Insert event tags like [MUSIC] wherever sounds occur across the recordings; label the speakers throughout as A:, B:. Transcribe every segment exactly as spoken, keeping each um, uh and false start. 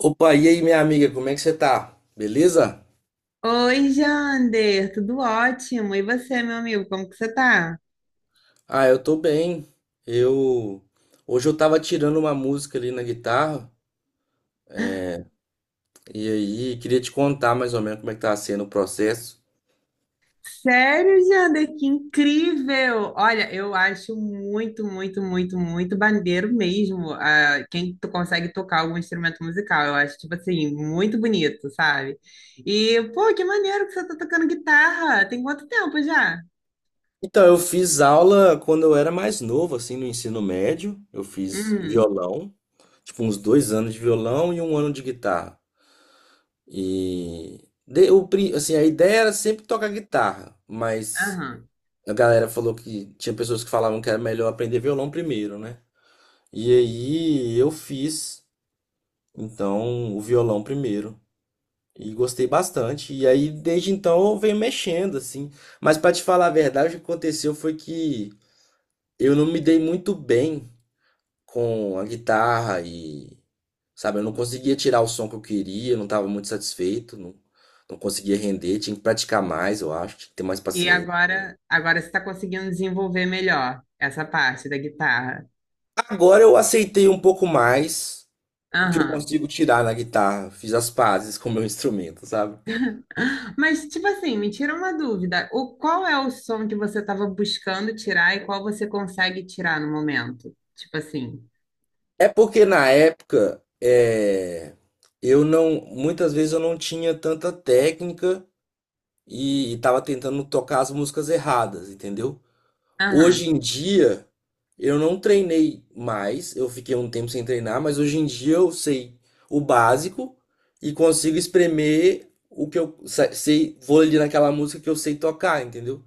A: Opa, e aí, minha amiga, como é que você tá? Beleza?
B: Oi, Jander, tudo ótimo. E você, meu amigo, como que você tá?
A: Ah, eu tô bem. Eu Hoje eu tava tirando uma música ali na guitarra e aí queria te contar mais ou menos como é que tá sendo o processo.
B: Sério, Jander, que incrível! Olha, eu acho muito, muito, muito, muito bandeiro mesmo, ah, quem tu consegue tocar algum instrumento musical. Eu acho, tipo assim, muito bonito, sabe? E, pô, que maneiro que você tá tocando guitarra. Tem quanto tempo já?
A: Então, eu fiz aula quando eu era mais novo, assim, no ensino médio. Eu fiz
B: Hum.
A: violão, tipo uns dois anos de violão e um ano de guitarra. E de- o, pri- assim, a ideia era sempre tocar guitarra, mas
B: Aham.
A: a galera falou que tinha pessoas que falavam que era melhor aprender violão primeiro, né? E aí eu fiz, então, o violão primeiro. E gostei bastante. E aí, desde então, eu venho mexendo, assim. Mas pra te falar a verdade, o que aconteceu foi que eu não me dei muito bem com a guitarra e, sabe, eu não conseguia tirar o som que eu queria, eu não tava muito satisfeito, não, não conseguia render, tinha que praticar mais, eu acho, tinha que ter mais
B: E
A: paciência.
B: agora, agora você tá conseguindo desenvolver melhor essa parte da guitarra.
A: Agora eu aceitei um pouco mais o que eu
B: Aham.
A: consigo tirar na guitarra, fiz as pazes [LAUGHS] com o meu instrumento, sabe?
B: Mas, tipo assim, me tira uma dúvida. O, qual é o som que você estava buscando tirar e qual você consegue tirar no momento? Tipo assim.
A: É porque na época é, eu não, muitas vezes eu não tinha tanta técnica e estava tentando tocar as músicas erradas, entendeu?
B: Aham.
A: Hoje em dia eu não treinei mais, eu fiquei um tempo sem treinar, mas hoje em dia eu sei o básico e consigo espremer o que eu sa- sei, vou ali naquela música que eu sei tocar, entendeu?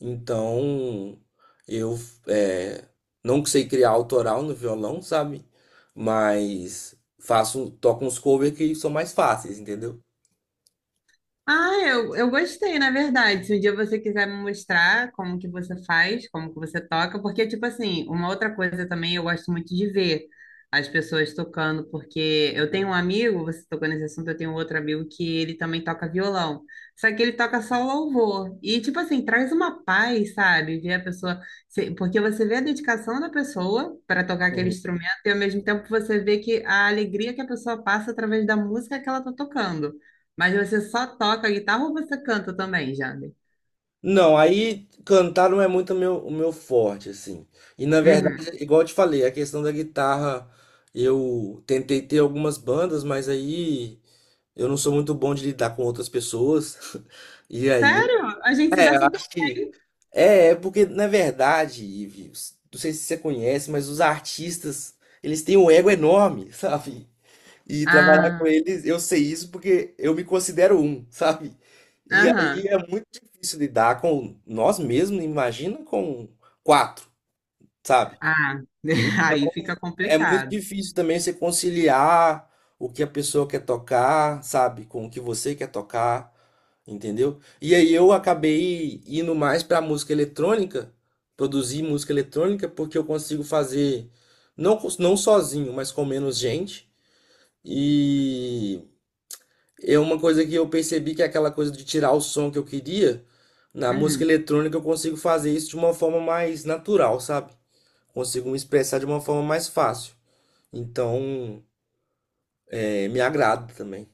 A: Então, eu é, não sei criar autoral no violão, sabe? Mas faço, toco uns covers que são mais fáceis, entendeu?
B: Ah, eu, eu gostei, na verdade. Se um dia você quiser me mostrar como que você faz, como que você toca, porque, tipo assim, uma outra coisa também eu gosto muito de ver as pessoas tocando, porque eu tenho um amigo, você tocou nesse assunto, eu tenho outro amigo que ele também toca violão, só que ele toca só louvor. E, tipo assim, traz uma paz, sabe? Ver a pessoa, se- porque você vê a dedicação da pessoa para tocar aquele
A: Uhum.
B: instrumento e, ao mesmo tempo, você vê que a alegria que a pessoa passa através da música que ela tá tocando. Mas você só toca guitarra ou você canta também, Jander?
A: Não, aí cantar não é muito meu, o meu forte, assim. E na
B: Uhum.
A: verdade, igual eu te falei, a questão da guitarra, eu tentei ter algumas bandas, mas aí eu não sou muito bom de lidar com outras pessoas. [LAUGHS] E aí,
B: Sério? A gente se
A: é,
B: dá
A: eu
B: super.
A: acho que É, é porque na verdade, Ivi, s- não sei se você conhece, mas os artistas, eles têm um ego enorme, [LAUGHS] sabe? E trabalhar com
B: Ah.
A: eles, eu sei isso porque eu me considero um, [LAUGHS] sabe? E
B: Aham.
A: aí é muito difícil lidar com nós mesmos, imagina com quatro, sabe?
B: Ah, [LAUGHS] aí fica
A: É muito
B: complicado.
A: difícil também você conciliar o que a pessoa quer tocar, sabe, com o que você quer tocar. Entendeu? E aí eu acabei indo mais pra música eletrônica, produzir música eletrônica, porque eu consigo fazer não, cons- não sozinho, mas com menos gente. E é uma coisa que eu percebi que é aquela coisa de tirar o som que eu queria. Na música
B: Uhum.
A: eletrônica eu consigo fazer isso de uma forma mais natural, sabe? Consigo me expressar de uma forma mais fácil. Então, é, me agrada também.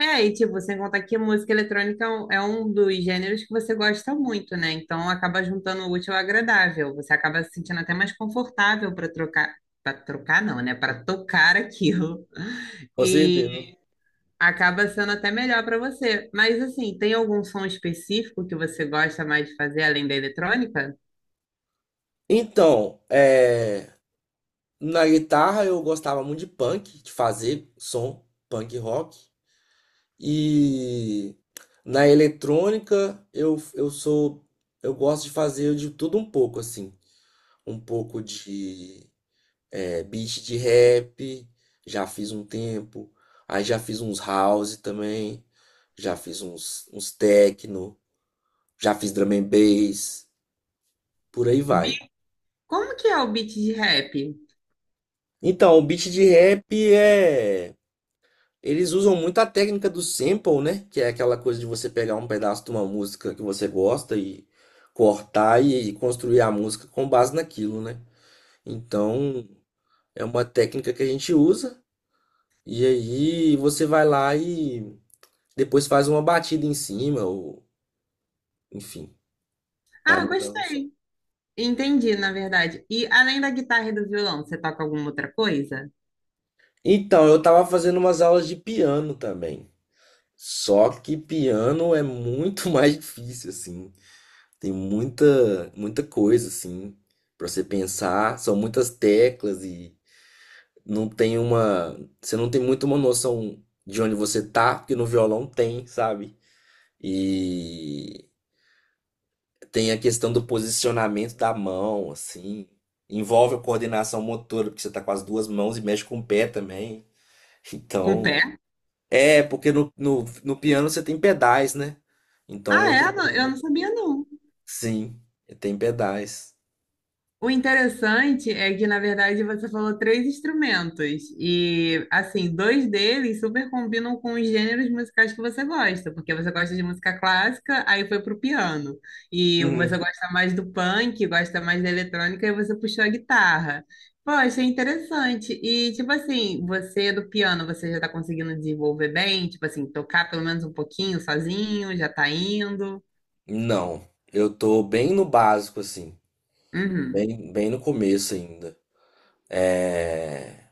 B: É, e tipo, sem contar que música eletrônica é um é um dos gêneros que você gosta muito, né? Então acaba juntando o útil ao agradável. Você acaba se sentindo até mais confortável para trocar, para trocar não, né? Para tocar aquilo.
A: Com certeza.
B: [LAUGHS] Acaba sendo até melhor para você. Mas assim, tem algum som específico que você gosta mais de fazer além da eletrônica?
A: Então, é. Na guitarra eu gostava muito de punk, de fazer som punk rock. E na eletrônica eu, eu sou eu gosto de fazer de tudo um pouco assim, um pouco de é, beat de rap, já fiz um tempo, aí já fiz uns house também, já fiz uns uns techno, já fiz drum and bass, por aí vai.
B: Bi- Como que é o beat de rap?
A: Então, o beat de rap é. Eles usam muito a técnica do sample, né? Que é aquela coisa de você pegar um pedaço de uma música que você gosta e cortar e construir a música com base naquilo, né? Então, é uma técnica que a gente usa e aí você vai lá e depois faz uma batida em cima ou enfim, vai
B: Ah,
A: mudando o som.
B: gostei. Entendi, na verdade. E além da guitarra e do violão, você toca alguma outra coisa?
A: Então, eu tava fazendo umas aulas de piano também. Só que piano é muito [LAUGHS] mais difícil assim. Tem muita, muita coisa assim para você pensar, são muitas teclas e não tem uma, você não tem muito uma noção de onde você tá, porque no violão tem, sabe? E tem a questão do posicionamento da mão, assim, envolve a coordenação motora, porque você tá com as duas mãos e mexe com o pé também.
B: Com o pé?
A: Então, é porque no, no, no piano você tem pedais, né? Então
B: Ah,
A: você
B: é? Não. Eu
A: também,
B: não sabia, não.
A: sim, tem pedais.
B: O interessante é que, na verdade, você falou três instrumentos. E, assim, dois deles super combinam com os gêneros musicais que você gosta, porque você gosta de música clássica, aí foi pro piano. E você gosta mais do punk, gosta mais da eletrônica, e você puxou a guitarra. Pô, achei interessante. E, tipo assim, você do piano, você já tá conseguindo desenvolver bem? Tipo assim, tocar pelo menos um pouquinho sozinho, já tá indo?
A: Não, eu tô bem no básico, assim,
B: Uhum.
A: bem, bem no começo ainda. É,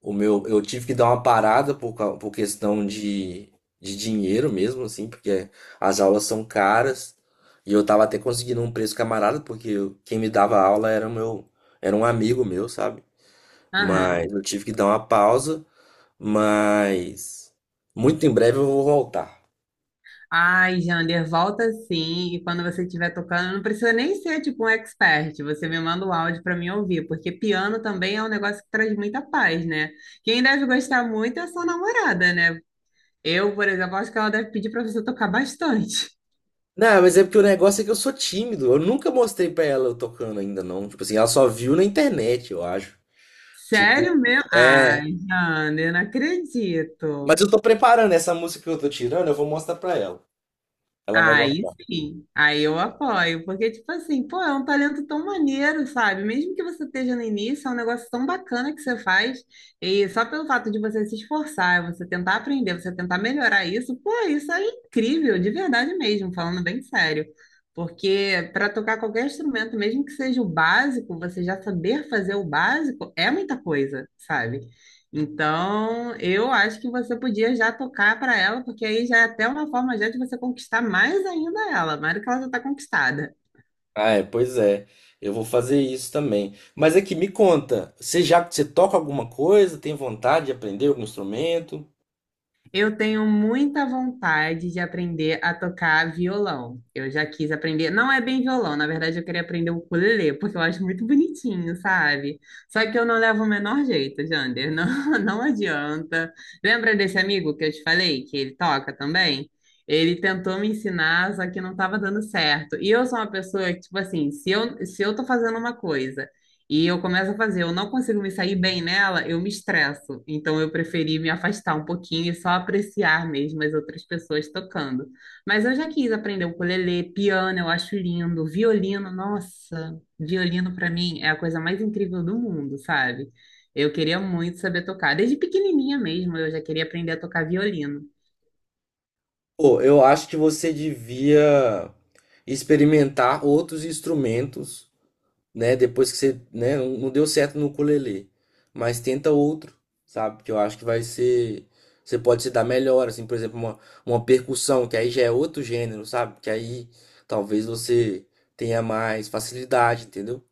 A: o meu, eu tive que dar uma parada por, cau- por questão de, de dinheiro mesmo, assim, porque as aulas são caras e eu tava até conseguindo um preço camarada, porque eu- quem me dava aula era o meu, era um amigo meu, sabe?
B: Aham.
A: Mas eu tive que dar uma pausa, mas muito em breve eu vou voltar.
B: Ai, Jander, volta sim. E quando você estiver tocando, não precisa nem ser tipo um expert. Você me manda o áudio para mim ouvir, porque piano também é um negócio que traz muita paz, né? Quem deve gostar muito é a sua namorada, né? Eu, por exemplo, acho que ela deve pedir para você tocar bastante.
A: Não, mas é porque o negócio é que eu sou tímido. Eu nunca mostrei pra ela eu tocando ainda, não. Tipo assim, ela só viu na internet, eu acho. Tipo,
B: Sério mesmo?
A: é.
B: Ai, Jander, não
A: Mas
B: acredito.
A: eu tô preparando essa música que eu tô tirando, eu vou mostrar pra ela. Ela vai
B: Aí
A: gostar.
B: sim, aí eu apoio, porque, tipo assim, pô, é um talento tão maneiro, sabe? Mesmo que você esteja no início, é um negócio tão bacana que você faz, e só pelo fato de você se esforçar, você tentar aprender, você tentar melhorar isso, pô, isso é incrível, de verdade mesmo, falando bem sério. Porque para tocar qualquer instrumento, mesmo que seja o básico, você já saber fazer o básico é muita coisa, sabe? Então, eu acho que você podia já tocar para ela, porque aí já é até uma forma já de você conquistar mais ainda ela, mais do que ela já está conquistada.
A: Ah, é, pois é. Eu vou fazer isso também. Mas aqui, me conta, você já você toca alguma coisa? Tem vontade de aprender algum instrumento?
B: Eu tenho muita vontade de aprender a tocar violão. Eu já quis aprender, não é bem violão, na verdade eu queria aprender o ukulele, porque eu acho muito bonitinho, sabe? Só que eu não levo o menor jeito, Jander, não, [LAUGHS] não adianta. Lembra desse amigo que eu te falei, que ele toca também? Ele tentou me ensinar, só que não estava dando certo. E eu sou uma pessoa que, tipo assim, se eu, se eu tô fazendo uma coisa e eu começo a fazer, eu não consigo me sair bem nela, eu me estresso. Então eu preferi me afastar um pouquinho e só apreciar mesmo as outras pessoas tocando. Mas eu já quis aprender ukulele, piano, eu acho lindo, violino, nossa, violino para mim é a coisa mais incrível do mundo, sabe? Eu queria muito saber tocar. Desde pequenininha mesmo, eu já queria aprender a tocar violino.
A: Pô, eu acho que você devia experimentar outros instrumentos. Né? Depois que você, né, não não deu certo no ukulele, mas tenta outro, sabe? Que eu acho que vai ser, você pode se dar melhor, assim, por exemplo, uma, uma percussão, que aí já é outro gênero, sabe? Que aí talvez você tenha mais facilidade, entendeu?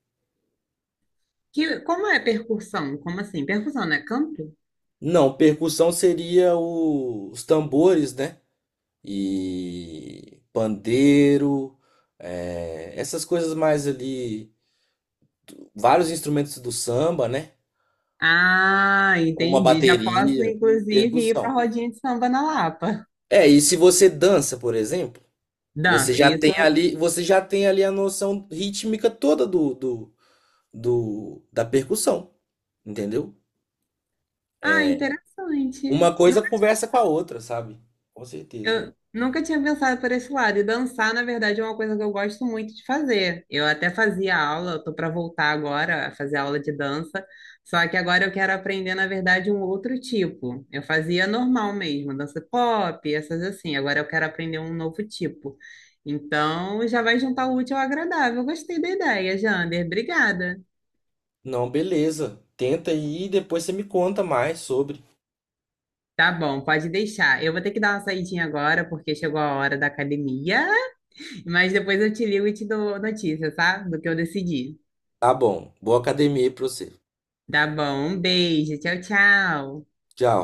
B: Que, como é percussão? Como assim? Percussão, né? Canto?
A: Não, percussão seria o- os tambores, né? E pandeiro, é, essas coisas mais ali, vários instrumentos do samba, né?
B: Ah,
A: Uma
B: entendi. Já posso,
A: bateria,
B: inclusive, ir para
A: percussão.
B: rodinha de samba na Lapa.
A: É, e se você dança, por exemplo, você
B: Dança,
A: já
B: isso.
A: tem ali, você já tem ali a noção rítmica toda do, do, do- da percussão, entendeu?
B: Ah,
A: Uma
B: interessante. Nu-
A: coisa conversa com a outra, sabe? Com certeza.
B: Eu nunca tinha pensado por esse lado. E dançar, na verdade, é uma coisa que eu gosto muito de fazer. Eu até fazia aula, eu tô para voltar agora a fazer aula de dança, só que agora eu quero aprender, na verdade, um outro tipo. Eu fazia normal mesmo, dança pop, essas assim. Agora eu quero aprender um novo tipo. Então, já vai juntar o útil ao agradável. Gostei da ideia, Jander. Obrigada.
A: Não, beleza. Tenta aí e depois você me conta mais sobre.
B: Tá bom, pode deixar. Eu vou ter que dar uma saidinha agora, porque chegou a hora da academia. Mas depois eu te ligo e te dou notícia, tá? Do que eu decidi.
A: Tá bom. Boa academia aí pra você.
B: Tá bom, um beijo, tchau, tchau.
A: Tchau.